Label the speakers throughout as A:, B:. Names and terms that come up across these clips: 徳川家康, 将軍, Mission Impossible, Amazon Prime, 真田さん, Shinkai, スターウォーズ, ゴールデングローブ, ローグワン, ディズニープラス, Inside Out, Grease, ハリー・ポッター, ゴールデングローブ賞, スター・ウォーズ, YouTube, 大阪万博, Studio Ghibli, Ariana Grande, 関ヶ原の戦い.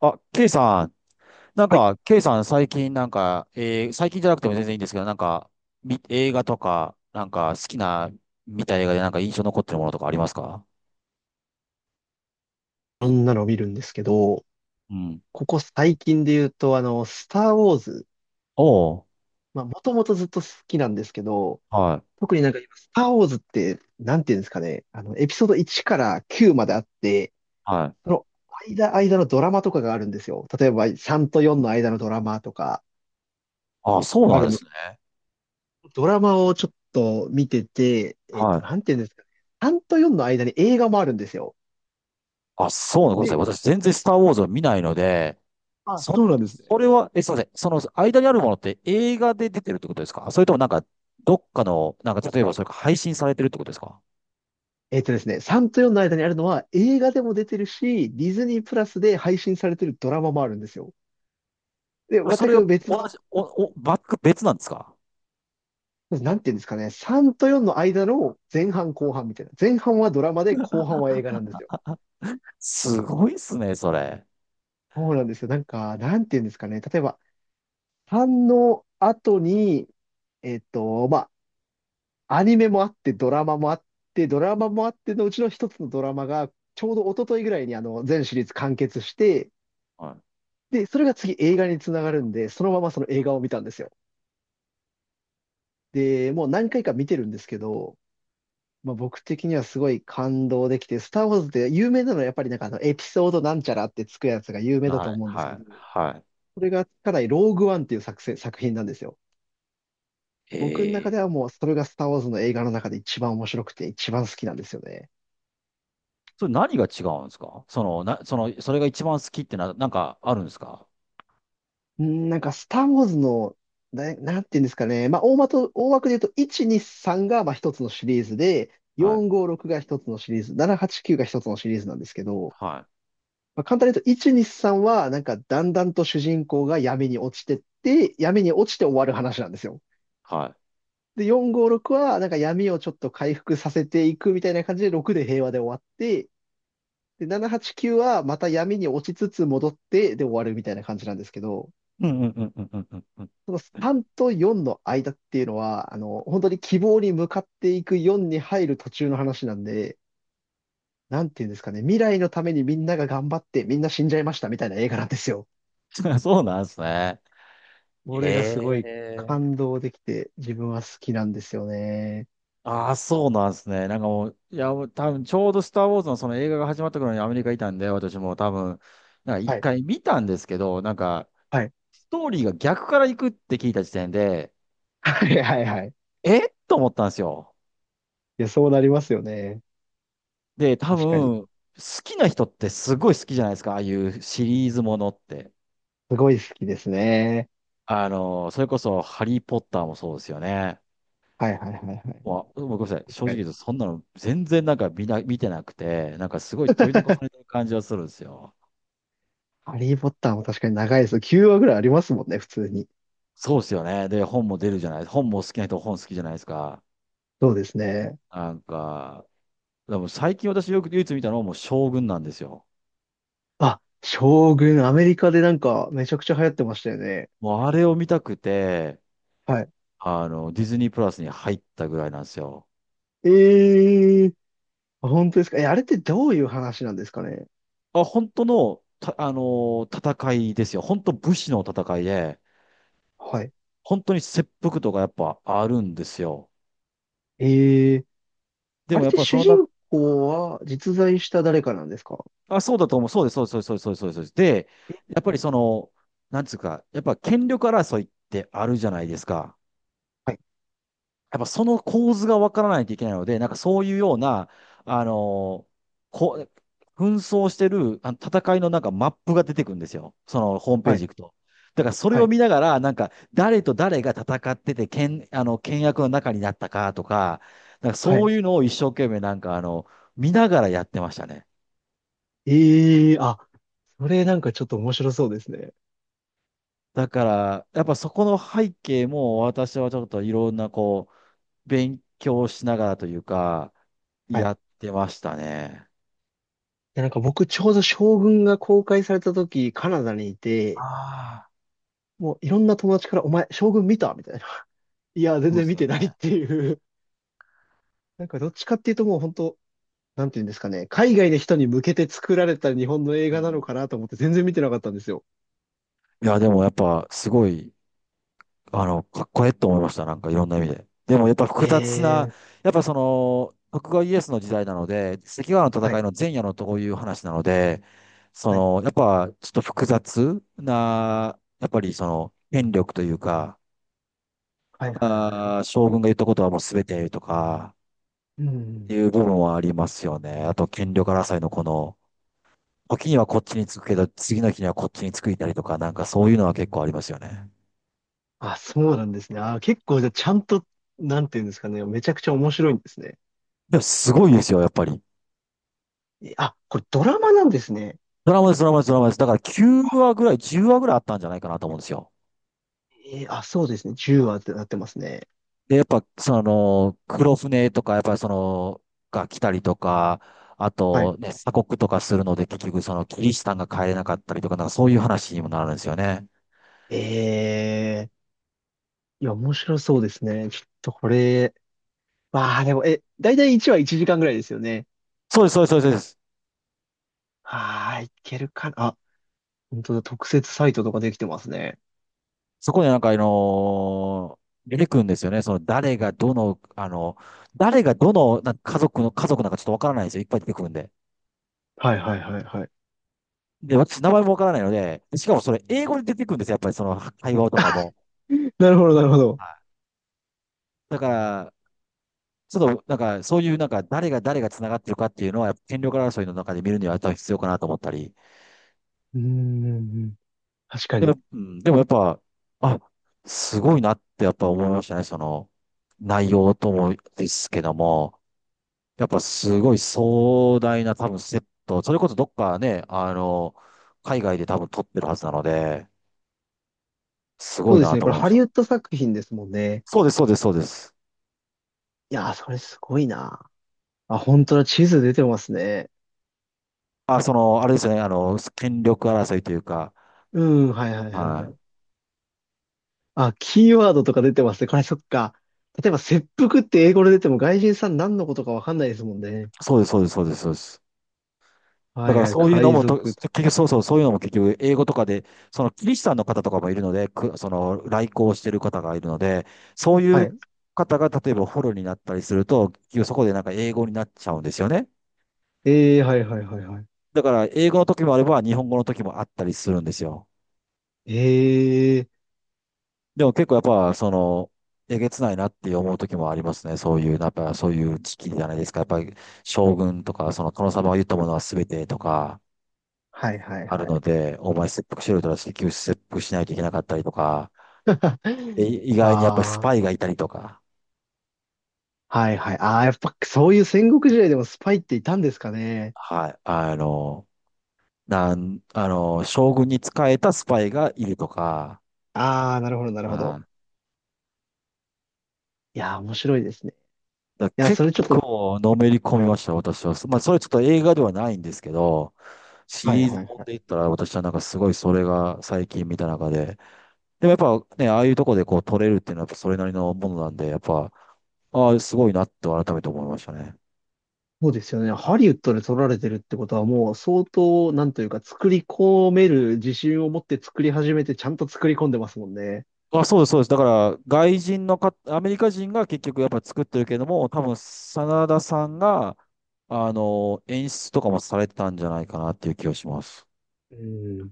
A: あ、K さん、
B: はい。
A: K さん最近最近じゃなくても全然いいんですけど、映画とか、なんか好きな、見た映画でなんか印象残ってるものとかありますか？
B: そんなのを見るんですけど、
A: うん。
B: ここ最近で言うと、スター・ウォーズ。
A: おー、
B: まあ、もともとずっと好きなんですけど、
A: はい、
B: 特になんか今、スター・ウォーズって、なんていうんですかね、あの、エピソード1から9まであって、
A: はい。
B: その間のドラマとかがあるんですよ。例えば、3と4の間のドラマとか
A: あ、そう
B: があ
A: なん
B: る
A: で
B: んで
A: す
B: す。
A: ね。
B: ドラマをちょっと見てて、えっ
A: は
B: と、
A: い。
B: なんていうんですかね、3と4の間に映画もあるんですよ。
A: あ、そうなんですね。
B: で、
A: 私全然スターウォーズを見ないので、
B: あ、
A: そ
B: そう
A: ん、
B: なんですね。
A: それは、え、すいません。その間にあるものって映画で出てるってことですか？それともなんか、どっかの、なんか例えばそれか配信されてるってことですか？
B: 3と4の間にあるのは映画でも出てるし、ディズニープラスで配信されてるドラマもあるんですよ。で、
A: そ
B: 全
A: れを
B: く別
A: 同
B: の、
A: じ、お、お、バック別なんですか？
B: なんていうんですかね、3と4の間の前半後半みたいな。前半はドラマで後半は映画なんですよ。
A: すごいっすね、それ。
B: そうなんですよ。なんか、なんていうんですかね、例えば3の後に、まあ、アニメもあってドラマもあってのうちの一つのドラマが、ちょうど一昨日ぐらいにあの全シリーズ完結して、
A: はい、
B: で、それが次映画につながるんで、そのままその映画を見たんですよ。で、もう何回か見てるんですけど、まあ、僕的にはすごい感動できて、スター・ウォーズって有名なのはやっぱりなんかあのエピソードなんちゃらってつくやつが有名だ
A: は
B: と
A: い、
B: 思うんです
A: は
B: け
A: い。
B: ど、
A: は
B: それがかなりローグワンっていう作品なんですよ。
A: い、
B: 僕の中で
A: え
B: は
A: ー、
B: もうそれがスター・ウォーズの映画の中で一番面白くて一番好きなんですよね。
A: それ何が違うんですか？その、な、その、それが一番好きってなんかあるんですか？
B: うん、なんか、スター・ウォーズの、な、なんていうんですかね。まあ、大まと、大枠で言うと、1、2、3が、まあ、一つのシリーズで、
A: はい、
B: 4、5、6が一つのシリーズ、7、8、9が一つのシリーズなんですけど、
A: はい、
B: まあ、簡単に言うと、1、2、3は、なんか、だんだんと主人公が闇に落ちてって、闇に落ちて終わる話なんですよ。
A: は
B: で、4、5、6は、なんか闇をちょっと回復させていくみたいな感じで、6で平和で終わって、で、7、8、9は、また闇に落ちつつ戻って、で終わるみたいな感じなんですけど、
A: い。うんうんうんうんうんうんうん。
B: その3と4の間っていうのは、本当に希望に向かっていく4に入る途中の話なんで、なんていうんですかね、未来のためにみんなが頑張ってみんな死んじゃいましたみたいな映画なんですよ。
A: そうなんですね。え
B: これがすごい
A: え、
B: 感動できて自分は好きなんですよね。
A: ああ、そうなんですね。なんかもう、いや、もう多分ちょうどスター・ウォーズのその映画が始まった頃にアメリカいたんで、私も多分、なんか
B: は
A: 一
B: い、
A: 回見たんですけど、なんか、
B: はい、
A: ストーリーが逆から行くって聞いた時点で、
B: はい、はい、はい。い
A: えっと思ったんですよ。
B: や、そうなりますよね。
A: で、多
B: 確かに。
A: 分、好きな人ってすごい好きじゃないですか。ああいうシリーズものって。
B: すごい好きですね。
A: あの、それこそ、ハリー・ポッターもそうですよね。
B: はい、はい、はい、はい。
A: まあ、ごめんなさい。
B: 確
A: 正
B: か
A: 直
B: に。
A: 言うと、そんなの全然見てなくて、なんかすごい取り残され てる感じはするんですよ。
B: ハリー・ポッターも確かに長いです。9話ぐらいありますもんね、普通に。
A: そうですよね。で、本も出るじゃない。本も好きな人、本好きじゃないですか。
B: そうですね。
A: なんか、でも最近私よく唯一見たのはもう将軍なんですよ。
B: あ、将軍、アメリカでなんかめちゃくちゃ流行ってましたよね。
A: もうあれを見たくて、
B: はい。
A: あの、ディズニープラスに入ったぐらいなんですよ。
B: ええ、あ、本当ですか？え、あれってどういう話なんですかね？
A: あ、本当の、た、あの、戦いですよ。本当武士の戦いで、
B: はい。
A: 本当に切腹とかやっぱあるんですよ。
B: ええ、
A: で
B: あ
A: も
B: れっ
A: やっ
B: て
A: ぱりそ
B: 主
A: のな、
B: 人公は実在した誰かなんですか？
A: あ、そうだと思う。そうです、そうです、そうです、そうです、そうです。そうです。で、
B: え、
A: やっぱりその、なんつうか、やっぱ権力争いってあるじゃないですか。
B: はい、
A: やっぱその構図がわからないといけないので、なんかそういうような、あのこ紛争してる、あの戦いのなんかマップが出てくるんですよ。そのホームペー
B: は
A: ジ
B: い、
A: 行くと。だからそれ
B: は
A: を
B: い、
A: 見ながら、なんか誰と誰が戦ってて、あの、倹約の中になったかとか、なんか
B: は
A: そ
B: い。
A: ういうのを一生懸命なんかあの、見ながらやってましたね。
B: ええ、あ、それなんかちょっと面白そうですね。
A: だから、やっぱそこの背景も私はちょっといろんな、勉強しながらというか、
B: はい。
A: やってましたね。
B: で、なんか僕ちょうど将軍が公開された時、カナダにいて、
A: ああ、
B: もういろんな友達から、お前、将軍見たみたいな。いや、全
A: そうで
B: 然
A: す
B: 見
A: よ
B: て
A: ね。
B: ないっていう。なんかどっちかっていうともう本当、なんていうんですかね、海外の人に向けて作られた日本の映
A: う
B: 画なの
A: ん。
B: かなと思って全然見てなかったんですよ。
A: いや、でもやっぱ、すごい、あの、かっこええと思いました。なんかいろんな意味で。でもやっぱ複雑な、
B: ええ、
A: やっぱその、徳川家康の時代なので、関ヶ原の
B: は
A: 戦
B: い、
A: いの前夜のとこいう話なので、そ
B: はい、
A: の、やっぱちょっと複雑な、やっぱりその、権力というか、
B: はい、はい、はい。はい。
A: あー、将軍が言ったことはもう全てとか、
B: う
A: い
B: ん。
A: う部分はありますよね。あと、権力争いのこの、時にはこっちに着くけど、次の日にはこっちに着いたりとか、なんかそういうのは結構ありますよね。
B: あ、そうなんですね。あ、結構じゃあちゃんと、なんていうんですかね、めちゃくちゃ面白いんですね。
A: でもすごいですよ、やっぱり。
B: え、あ、これドラマなんですね。
A: ドラマです、ドラマです、ドラマです。だから9話ぐらい、10話ぐらいあったんじゃないかなと思うんですよ。
B: あ、そうですね。10話ってなってますね。
A: で、やっぱ、その、黒船とか、やっぱりその、が来たりとか、あ
B: はい。
A: と、ね、鎖国とかするので、結局その、キリシタンが帰れなかったりとか、なんかそういう話にもなるんですよね。
B: ええ、いや、面白そうですね。ちょっとこれ、わあ、でも、え、だいたい1話1時間ぐらいですよね。
A: そうです、そうです、そうです。
B: はーい、いけるかな。あ、本当だ、特設サイトとかできてますね。
A: そこでなんか、あの、出てくるんですよね。その誰がどの、あの、誰がどのなんか家族の、家族なんかちょっとわからないんですよ。いっぱい出てくるんで。
B: はい、はい、はい、はい。
A: で、私、名前もわからないので、しかもそれ英語で出てくるんですよ。やっぱりその会話とかも。
B: なるほど、なるほど。
A: はい。だから、ちょっとなんか、そういうなんか、誰が繋がってるかっていうのは、やっぱ権力争いの中で見るには多分必要かなと思ったり。
B: うーん。確か
A: で
B: に。
A: も、うん、でもやっぱ、あ、すごいなってやっぱ思いましたね。その、内容ともですけども。やっぱすごい壮大な多分セット、それこそどっかね、あの、海外で多分撮ってるはずなので、す
B: そ
A: ご
B: う
A: い
B: です
A: な
B: ね。
A: と
B: これ
A: 思いま
B: ハ
A: し
B: リウ
A: た。
B: ッド作品ですもんね。
A: そうです、そうです、そうです。
B: いやー、それすごいな。あ、本当だ。地図出てますね。
A: あ、その、あれですよね、あの、権力争いというか、
B: うん、はい、はい、はい、は
A: は
B: い。
A: い。
B: あ、キーワードとか出てますね。これそっか。例えば、切腹って英語で出ても外人さん何のことかわかんないですもんね。
A: そうです、そうです、そうです、そうです。
B: は
A: だ
B: い、
A: から
B: はい。
A: そういうの
B: 海
A: もと、
B: 賊と
A: 結
B: か。
A: 局、そうそう、そういうのも結局、英語とかで、そのキリシタンの方とかもいるので、その、来航してる方がいるので、そうい
B: は
A: う
B: い。
A: 方が、例えばフォローになったりすると、結局そこでなんか英語になっちゃうんですよね。
B: ええー、はい、はい、はい、はい。
A: だから、英語の時もあれば、日本語の時もあったりするんですよ。
B: ええー、
A: でも結構やっぱ、その、えげつないなって思う時もありますね。そういう、やっぱそういう時期じゃないですか。やっぱり、将軍とか、その殿様が言ったものは全てとか、
B: はい、はい、
A: あ
B: は
A: るの
B: い。
A: で、お前切腹しろとら結局切腹しないといけなかったりとか、で 意外にやっぱりス
B: あ
A: パイ
B: あ。
A: がいたりとか、
B: はい、はい。ああ、やっぱそういう戦国時代でもスパイっていたんですかね。
A: はい、あの、あの、将軍に仕えたスパイがいるとか、
B: ああ、なるほど、なるほど。
A: は、
B: いやー、面白いですね。
A: だか
B: い
A: ら
B: や、そ
A: 結
B: れちょっと、
A: 構のめり込みました、私は。まあ、それちょっと映画ではないんですけど、シ
B: はい、
A: リーズ
B: はい、
A: も
B: は
A: ん
B: い。
A: で言ったら、私はなんかすごいそれが最近見た中で、でもやっぱね、ああいうとこでこう撮れるっていうのはやっぱそれなりのものなんで、やっぱ、ああ、すごいなって改めて思いましたね。
B: そうですよね。ハリウッドで撮られてるってことはもう相当、なんというか、作り込める自信を持って作り始めて、ちゃんと作り込んでますもんね。
A: あ、そうです、そうです。だから、外人のか、アメリカ人が結局やっぱ作ってるけども、多分、真田さんが、あの、演出とかもされてたんじゃないかなっていう気がします。
B: うん。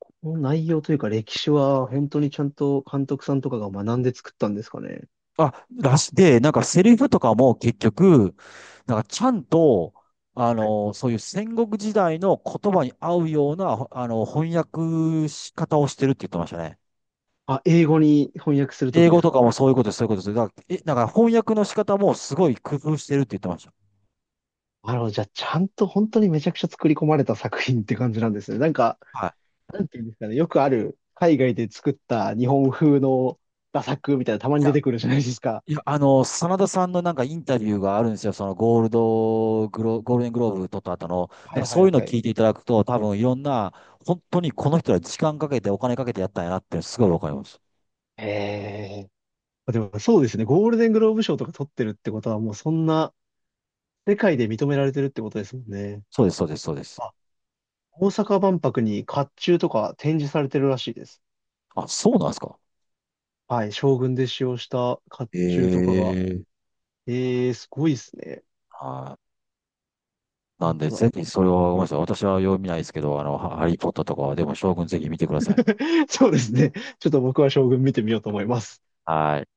B: この内容というか、歴史は本当にちゃんと監督さんとかが学んで作ったんですかね。
A: で、なんかセリフとかも結局、なんかちゃんと、あ
B: はい。
A: の、そういう戦国時代の言葉に合うような、あの、翻訳し方をしてるって言ってましたね。
B: あ、英語に翻訳するとき
A: 英
B: で
A: 語
B: す
A: とかも
B: か？
A: そういうことです、そういうことです。だから、え、なんか翻訳の仕方もすごい工夫してるって言ってました。
B: なるほど。じゃあ、ちゃんと本当にめちゃくちゃ作り込まれた作品って感じなんですね。なんか、
A: はい。
B: なんていうんですかね。よくある、海外で作った日本風の画作みたいな、たまに
A: い
B: 出
A: や、
B: てくるじゃないですか。
A: いや、あの、真田さんのなんかインタビューがあるんですよ。そのゴールデングローブ取った後の。
B: は
A: なんか
B: い、は
A: そ
B: い、
A: ういうのを
B: はい。
A: 聞いていただくと、多分いろんな、本当にこの人は時間かけてお金かけてやったんやなってすごいわかります。
B: へえ。でもそうですね。ゴールデングローブ賞とか取ってるってことは、もうそんな世界で認められてるってことですもんね。
A: そうです、そうです、そうです。
B: あ、大阪万博に甲冑とか展示されてるらしいです。
A: あ、そうなんですか。
B: はい。将軍で使用した甲冑と
A: え
B: かが。
A: え、
B: ええ、すごいですね。
A: はい。な
B: 本
A: んで、
B: 当。
A: ぜひ、それは、ごめんなさい。私は読みないですけど、あの、ハリーポッターとかは、でも、将軍ぜひ見てください。
B: そうですね。ちょっと僕は将軍見てみようと思います。
A: はい。